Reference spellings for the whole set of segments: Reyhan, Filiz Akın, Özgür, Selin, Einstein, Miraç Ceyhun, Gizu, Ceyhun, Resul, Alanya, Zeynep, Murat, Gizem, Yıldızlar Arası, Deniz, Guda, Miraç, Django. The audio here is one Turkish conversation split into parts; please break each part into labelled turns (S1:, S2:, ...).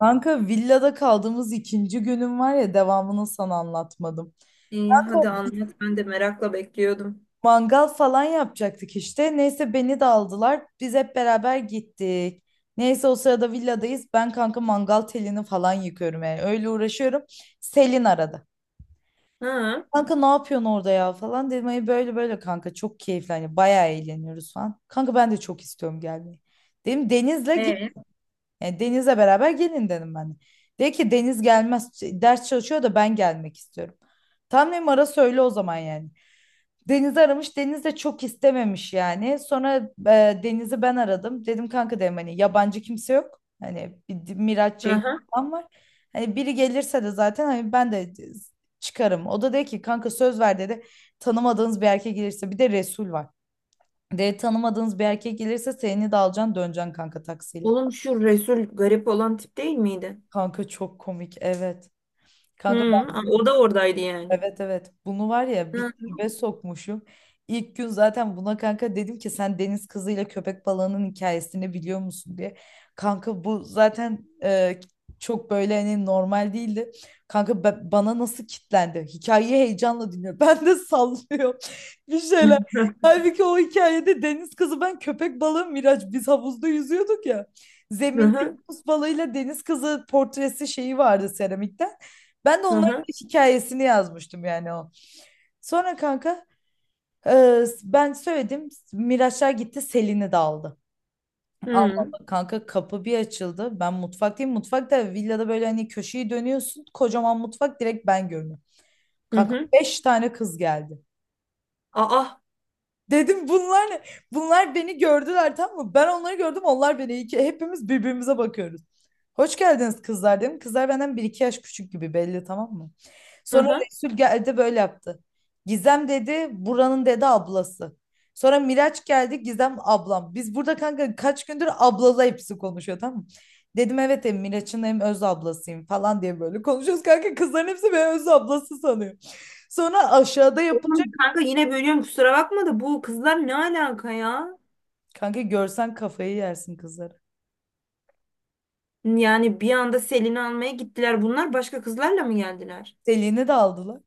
S1: Kanka villada kaldığımız ikinci günüm var ya devamını sana anlatmadım.
S2: İyi,
S1: Kanka
S2: hadi
S1: biz
S2: anlat. Ben de merakla bekliyordum.
S1: mangal falan yapacaktık işte. Neyse beni de aldılar. Biz hep beraber gittik. Neyse o sırada villadayız. Ben kanka mangal telini falan yıkıyorum yani. Öyle uğraşıyorum. Selin aradı.
S2: Ha?
S1: Kanka ne yapıyorsun orada ya falan dedim. Ay böyle böyle kanka çok keyifli. Hani bayağı eğleniyoruz falan. Kanka ben de çok istiyorum gelmeyi. Dedim Deniz'le gel.
S2: E.
S1: Yani Deniz'le beraber gelin dedim ben. De. Dedi ki Deniz gelmez. Ders çalışıyor da ben gelmek istiyorum. Tam dedim ara söyle o zaman yani. Deniz'i aramış. Deniz de çok istememiş yani. Sonra Deniz'i ben aradım. Dedim kanka dedim hani yabancı kimse yok. Hani bir Miraç Ceyhun
S2: Aha.
S1: falan var. Hani biri gelirse de zaten hani ben de çıkarım. O da dedi ki kanka söz ver dedi. Tanımadığınız bir erkek gelirse bir de Resul var. De tanımadığınız bir erkek gelirse seni de alacaksın döneceksin kanka taksiyle.
S2: Oğlum, şu Resul garip olan tip değil miydi?
S1: Kanka çok komik evet.
S2: Hı,
S1: Kanka
S2: o da oradaydı yani.
S1: evet evet bunu var ya bir
S2: Hı.
S1: tribe sokmuşum. İlk gün zaten buna kanka dedim ki sen deniz kızıyla köpek balığının hikayesini biliyor musun diye. Kanka bu zaten çok böyle hani normal değildi. Kanka bana nasıl kitlendi? Hikayeyi heyecanla dinliyor. Ben de sallıyorum bir şeyler. Halbuki o hikayede deniz kızı ben, köpek balığı Miraç, biz havuzda yüzüyorduk ya. Zeminde
S2: Aha.
S1: yunus balığıyla deniz kızı portresi şeyi vardı seramikten. Ben de onları
S2: Aha.
S1: hikayesini yazmıştım yani o. Sonra kanka ben söyledim. Miraçlar gitti Selin'i de aldı. Allah
S2: Hı.
S1: Allah kanka kapı bir açıldı. Ben mutfaktayım. Mutfakta villada böyle hani köşeyi dönüyorsun. Kocaman mutfak direkt ben görünüyorum.
S2: Hı
S1: Kanka
S2: hı.
S1: beş tane kız geldi.
S2: Aa.
S1: Dedim bunlar ne? Bunlar beni gördüler tamam mı? Ben onları gördüm, onlar beni. İki, hepimiz birbirimize bakıyoruz. Hoş geldiniz kızlar dedim. Kızlar benden bir iki yaş küçük gibi belli tamam mı? Sonra
S2: Aha.
S1: Resul geldi böyle yaptı. Gizem dedi buranın dedi ablası. Sonra Miraç geldi Gizem ablam. Biz burada kanka kaç gündür ablalı hepsi konuşuyor tamam mı? Dedim evet hem Miraç'ın hem öz ablasıyım falan diye böyle konuşuyoruz. Kanka kızların hepsi beni öz ablası sanıyor. Sonra aşağıda yapılacak.
S2: Oğlum kanka, yine bölüyorum kusura bakma da bu kızlar ne alaka ya?
S1: Kanka görsen kafayı yersin kızları.
S2: Yani bir anda Selin'i almaya gittiler. Bunlar başka kızlarla mı geldiler?
S1: Selin'i de aldılar.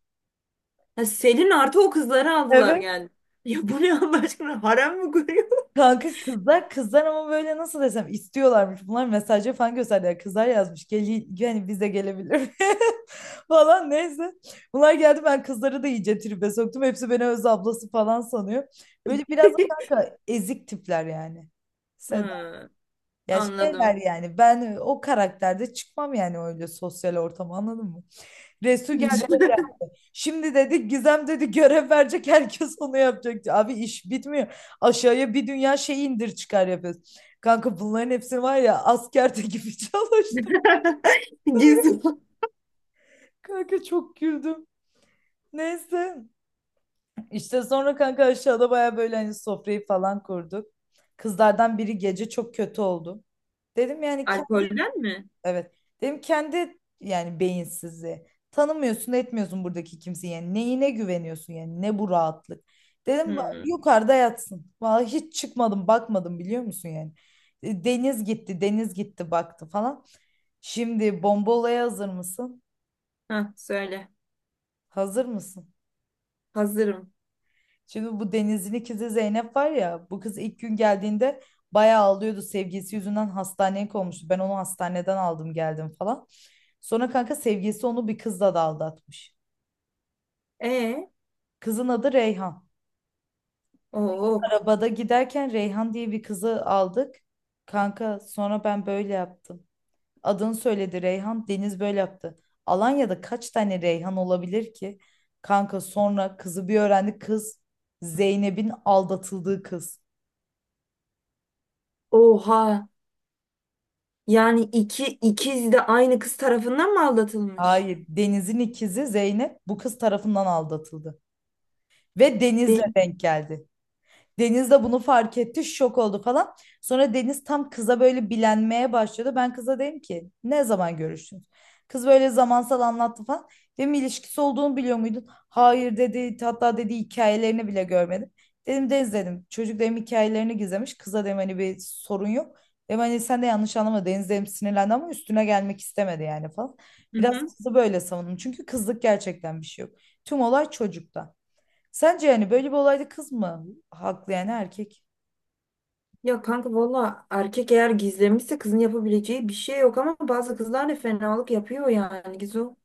S2: Ha, Selin artı o kızları aldılar
S1: Evet.
S2: geldi. Ya bu ne Allah aşkına, harem mi kuruyor?
S1: Kanka kızlar kızlar ama böyle nasıl desem istiyorlarmış. Bunlar mesajı falan gösterdiler. Kızlar yazmış. Gel, yani bize gelebilir mi?" falan neyse. Bunlar geldi ben kızları da iyice tribe soktum. Hepsi beni öz ablası falan sanıyor. Böyle biraz da kanka ezik tipler yani. Seda. Ya
S2: Ha.
S1: şeyler
S2: Anladım.
S1: yani ben o karakterde çıkmam yani öyle sosyal ortama, anladın mı? Resul geldi böyle şimdi dedi Gizem dedi görev verecek, herkes onu yapacak. Abi iş bitmiyor. Aşağıya bir dünya şey indir çıkar yapıyoruz. Kanka bunların hepsini var ya askerde gibi çalıştım.
S2: Gizli.
S1: Kanka çok güldüm. Neyse. İşte sonra kanka aşağıda baya böyle hani sofrayı falan kurduk. Kızlardan biri gece çok kötü oldu. Dedim yani
S2: Alkolden mi?
S1: evet. Dedim kendi yani beyinsizliği. Tanımıyorsun, etmiyorsun buradaki kimseyi. Yani neyine güveniyorsun yani? Ne bu rahatlık? Dedim
S2: Hmm.
S1: yukarıda yatsın. Vallahi hiç çıkmadım, bakmadım biliyor musun yani? Deniz gitti, deniz gitti baktı falan. Şimdi bomba olaya hazır mısın?
S2: Hah, söyle.
S1: Hazır mısın?
S2: Hazırım.
S1: Şimdi bu Deniz'in ikizi Zeynep var ya, bu kız ilk gün geldiğinde bayağı ağlıyordu. Sevgilisi yüzünden hastaneye konmuştu. Ben onu hastaneden aldım geldim falan. Sonra kanka sevgilisi onu bir kızla da aldatmış.
S2: E,
S1: Kızın adı Reyhan.
S2: oo,
S1: Arabada giderken Reyhan diye bir kızı aldık. Kanka sonra ben böyle yaptım. Adını söyledi Reyhan. Deniz böyle yaptı. Alanya'da kaç tane Reyhan olabilir ki? Kanka sonra kızı bir öğrendi. Kız Zeynep'in aldatıldığı kız.
S2: oha. Yani iki ikiz de aynı kız tarafından mı aldatılmış?
S1: Hayır, Deniz'in ikizi Zeynep bu kız tarafından aldatıldı. Ve Deniz'le
S2: De.
S1: denk geldi. Deniz de bunu fark etti, şok oldu falan. Sonra Deniz tam kıza böyle bilenmeye başladı. Ben kıza dedim ki ne zaman görüştünüz? Kız böyle zamansal anlattı falan. Dedim ilişkisi olduğunu biliyor muydun? Hayır dedi. Hatta dedi hikayelerini bile görmedim. Dedim Deniz dedim. Çocuk dedim hikayelerini gizlemiş. Kıza dedim hani bir sorun yok. Dedim hani sen de yanlış anlama. Deniz dedim sinirlendi ama üstüne gelmek istemedi yani falan.
S2: Hı
S1: Biraz
S2: hı.
S1: kızı böyle savundum. Çünkü kızlık gerçekten bir şey yok. Tüm olay çocukta. Sence yani böyle bir olayda kız mı haklı yani erkek?
S2: Ya kanka, valla erkek eğer gizlemişse kızın yapabileceği bir şey yok, ama bazı kızlar da fenalık yapıyor yani Gizu.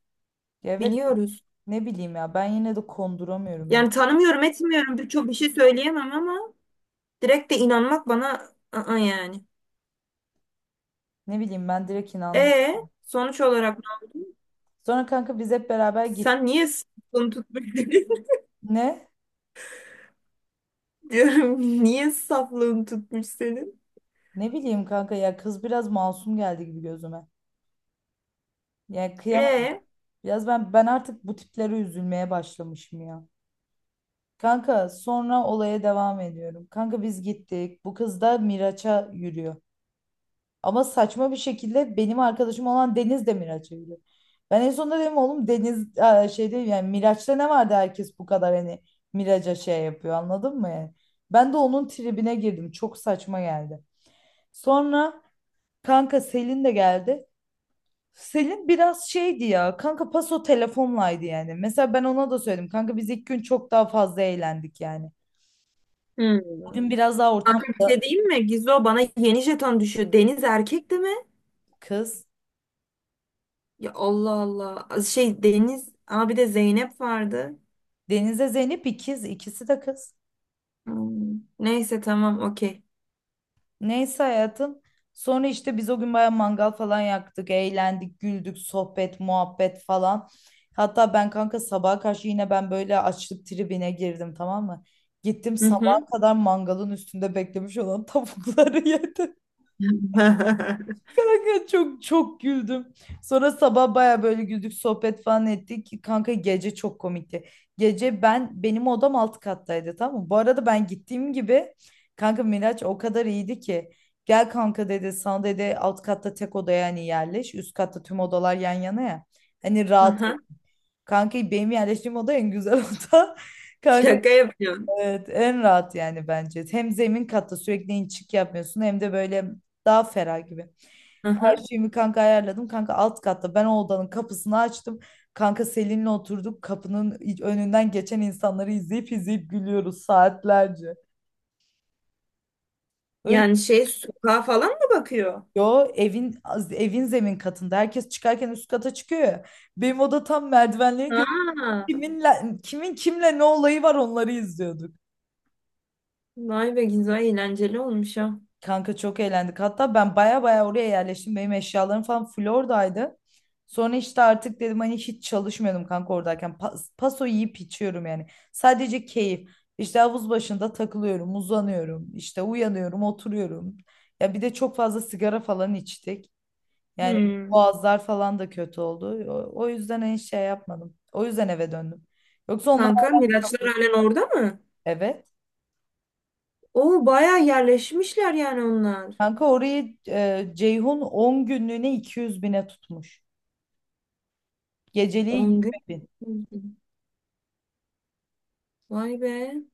S1: Ya evet
S2: Biliyoruz.
S1: ne bileyim ya ben yine de konduramıyorum öyle.
S2: Yani tanımıyorum etmiyorum, birçok bir şey söyleyemem ama direkt de inanmak bana yani.
S1: Ne bileyim ben direkt inandım.
S2: E, sonuç olarak.
S1: Sonra kanka biz hep beraber gittik.
S2: Sen niye saflığını tutmuş dedin?
S1: Ne?
S2: Diyorum niye saflığını tutmuş senin?
S1: Ne bileyim kanka ya kız biraz masum geldi gibi gözüme. Yani kıyamam.
S2: E.
S1: Biraz ben artık bu tiplere üzülmeye başlamışım ya. Kanka sonra olaya devam ediyorum. Kanka biz gittik. Bu kız da Miraç'a yürüyor. Ama saçma bir şekilde benim arkadaşım olan Deniz de Miraç'a gidiyor. Ben en sonunda dedim oğlum Deniz şey değil yani Miraç'ta ne vardı herkes bu kadar hani Miraç'a şey yapıyor, anladın mı yani? Ben de onun tribine girdim. Çok saçma geldi. Sonra kanka Selin de geldi. Selin biraz şeydi ya kanka paso telefonlaydı yani. Mesela ben ona da söyledim. Kanka biz ilk gün çok daha fazla eğlendik yani.
S2: Hmm.
S1: Bugün biraz daha
S2: Kanka bir şey
S1: ortamda
S2: diyeyim mi? Gizo, bana yeni jeton düşüyor. Deniz erkek de mi?
S1: kız.
S2: Ya Allah Allah. Şey, Deniz ama bir de Zeynep vardı.
S1: Deniz'e Zeynep ikiz. İkisi de kız.
S2: Hmm. Neyse, tamam, okey.
S1: Neyse hayatım. Sonra işte biz o gün bayağı mangal falan yaktık, eğlendik, güldük, sohbet, muhabbet falan. Hatta ben kanka sabaha karşı yine ben böyle açlık tribine girdim tamam mı? Gittim
S2: Hı
S1: sabaha
S2: hı.
S1: kadar mangalın üstünde beklemiş olan tavukları yedim. Kanka çok çok güldüm. Sonra sabah baya böyle güldük sohbet falan ettik. Kanka gece çok komikti. Gece ben benim odam alt kattaydı tamam mı? Bu arada ben gittiğim gibi kanka Miraç o kadar iyiydi ki. Gel kanka dedi sana dedi alt katta tek odaya hani yerleş. Üst katta tüm odalar yan yana ya. Hani
S2: Hı
S1: rahat et.
S2: hı.
S1: Kanka benim yerleştiğim oda en güzel oda. Kanka
S2: Şaka yapıyorsun.
S1: evet, en rahat yani bence. Hem zemin katta sürekli inçik yapmıyorsun hem de böyle daha ferah gibi.
S2: Hı hı.
S1: Her şeyimi kanka ayarladım. Kanka alt katta ben o odanın kapısını açtım. Kanka Selin'le oturduk. Kapının önünden geçen insanları izleyip izleyip gülüyoruz saatlerce. Öyle
S2: Yani şey, sokağa falan mı bakıyor?
S1: yo evin evin zemin katında. Herkes çıkarken üst kata çıkıyor ya. Benim oda tam merdivenleri görüyor.
S2: Ha,
S1: Kiminle, kimin kimle ne olayı var onları izliyorduk.
S2: vay be Gizo, eğlenceli olmuş ha.
S1: Kanka çok eğlendik. Hatta ben baya baya oraya yerleştim. Benim eşyalarım falan Florida'ydı. Sonra işte artık dedim hani hiç çalışmıyordum kanka oradayken. Paso yiyip içiyorum yani. Sadece keyif. İşte havuz başında takılıyorum, uzanıyorum. İşte uyanıyorum, oturuyorum. Ya bir de çok fazla sigara falan içtik. Yani
S2: Hmm.
S1: boğazlar falan da kötü oldu. O yüzden en şey yapmadım. O yüzden eve döndüm. Yoksa onlar
S2: Kanka Miraçlar halen orada mı?
S1: evet.
S2: Oo, bayağı yerleşmişler yani onlar.
S1: Kanka orayı Ceyhun 10 günlüğüne 200 bine tutmuş. Geceliği 20
S2: 10 gün.
S1: bin.
S2: Vay be.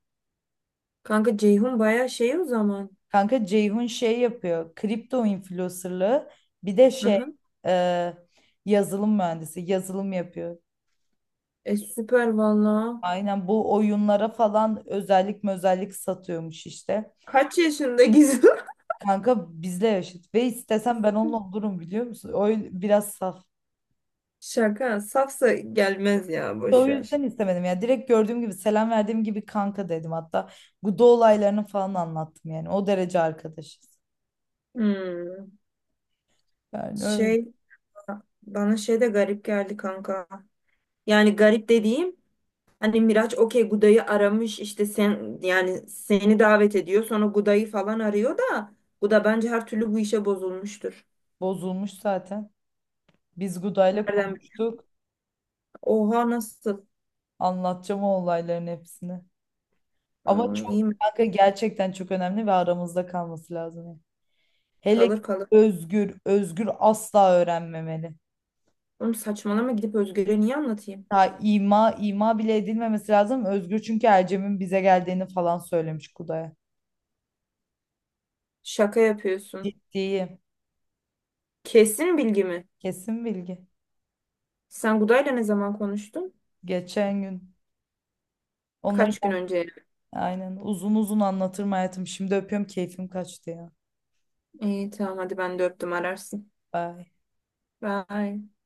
S2: Kanka Ceyhun bayağı şey o zaman.
S1: Kanka Ceyhun şey yapıyor. Kripto influencerlığı bir de şey,
S2: Aha.
S1: e, yazılım mühendisi, yazılım yapıyor.
S2: E süper valla.
S1: Aynen bu oyunlara falan özellik özellik satıyormuş işte.
S2: Kaç yaşında Gizu?
S1: Kanka bizle yaşıt ve istesem ben onunla olurum biliyor musun? O biraz saf.
S2: Şaka. Safsa gelmez, ya
S1: O
S2: boş ver.
S1: yüzden istemedim ya. Direkt gördüğüm gibi selam verdiğim gibi kanka dedim hatta. Bu da olaylarını falan anlattım yani. O derece arkadaşız.
S2: Hmm.
S1: Yani öyle
S2: Şey, bana şey de garip geldi kanka. Yani garip dediğim, hani Miraç okey, Guda'yı aramış işte, sen yani seni davet ediyor sonra Guda'yı falan arıyor da Guda bence her türlü bu işe bozulmuştur.
S1: bozulmuş zaten. Biz Guda'yla
S2: Nereden bil-.
S1: konuştuk.
S2: Oha, nasıl?
S1: Anlatacağım o olayların hepsini. Ama
S2: Aa,
S1: çok
S2: iyi mi?
S1: kanka gerçekten çok önemli ve aramızda kalması lazım. Yani. Hele ki
S2: Kalır kalır.
S1: Özgür, Özgür asla öğrenmemeli.
S2: Oğlum saçmalama, gidip Özgür'e niye anlatayım?
S1: Ha, ima bile edilmemesi lazım. Özgür çünkü Ercem'in bize geldiğini falan söylemiş Kuday'a.
S2: Şaka yapıyorsun.
S1: Ciddiyim.
S2: Kesin bilgi mi?
S1: Kesin bilgi.
S2: Sen Guda'yla ne zaman konuştun?
S1: Geçen gün. Onları
S2: Kaç gün önce?
S1: aynen uzun uzun anlatırım hayatım. Şimdi öpüyorum keyfim kaçtı ya.
S2: İyi, tamam, hadi ben de öptüm, ararsın.
S1: Bye.
S2: Bye.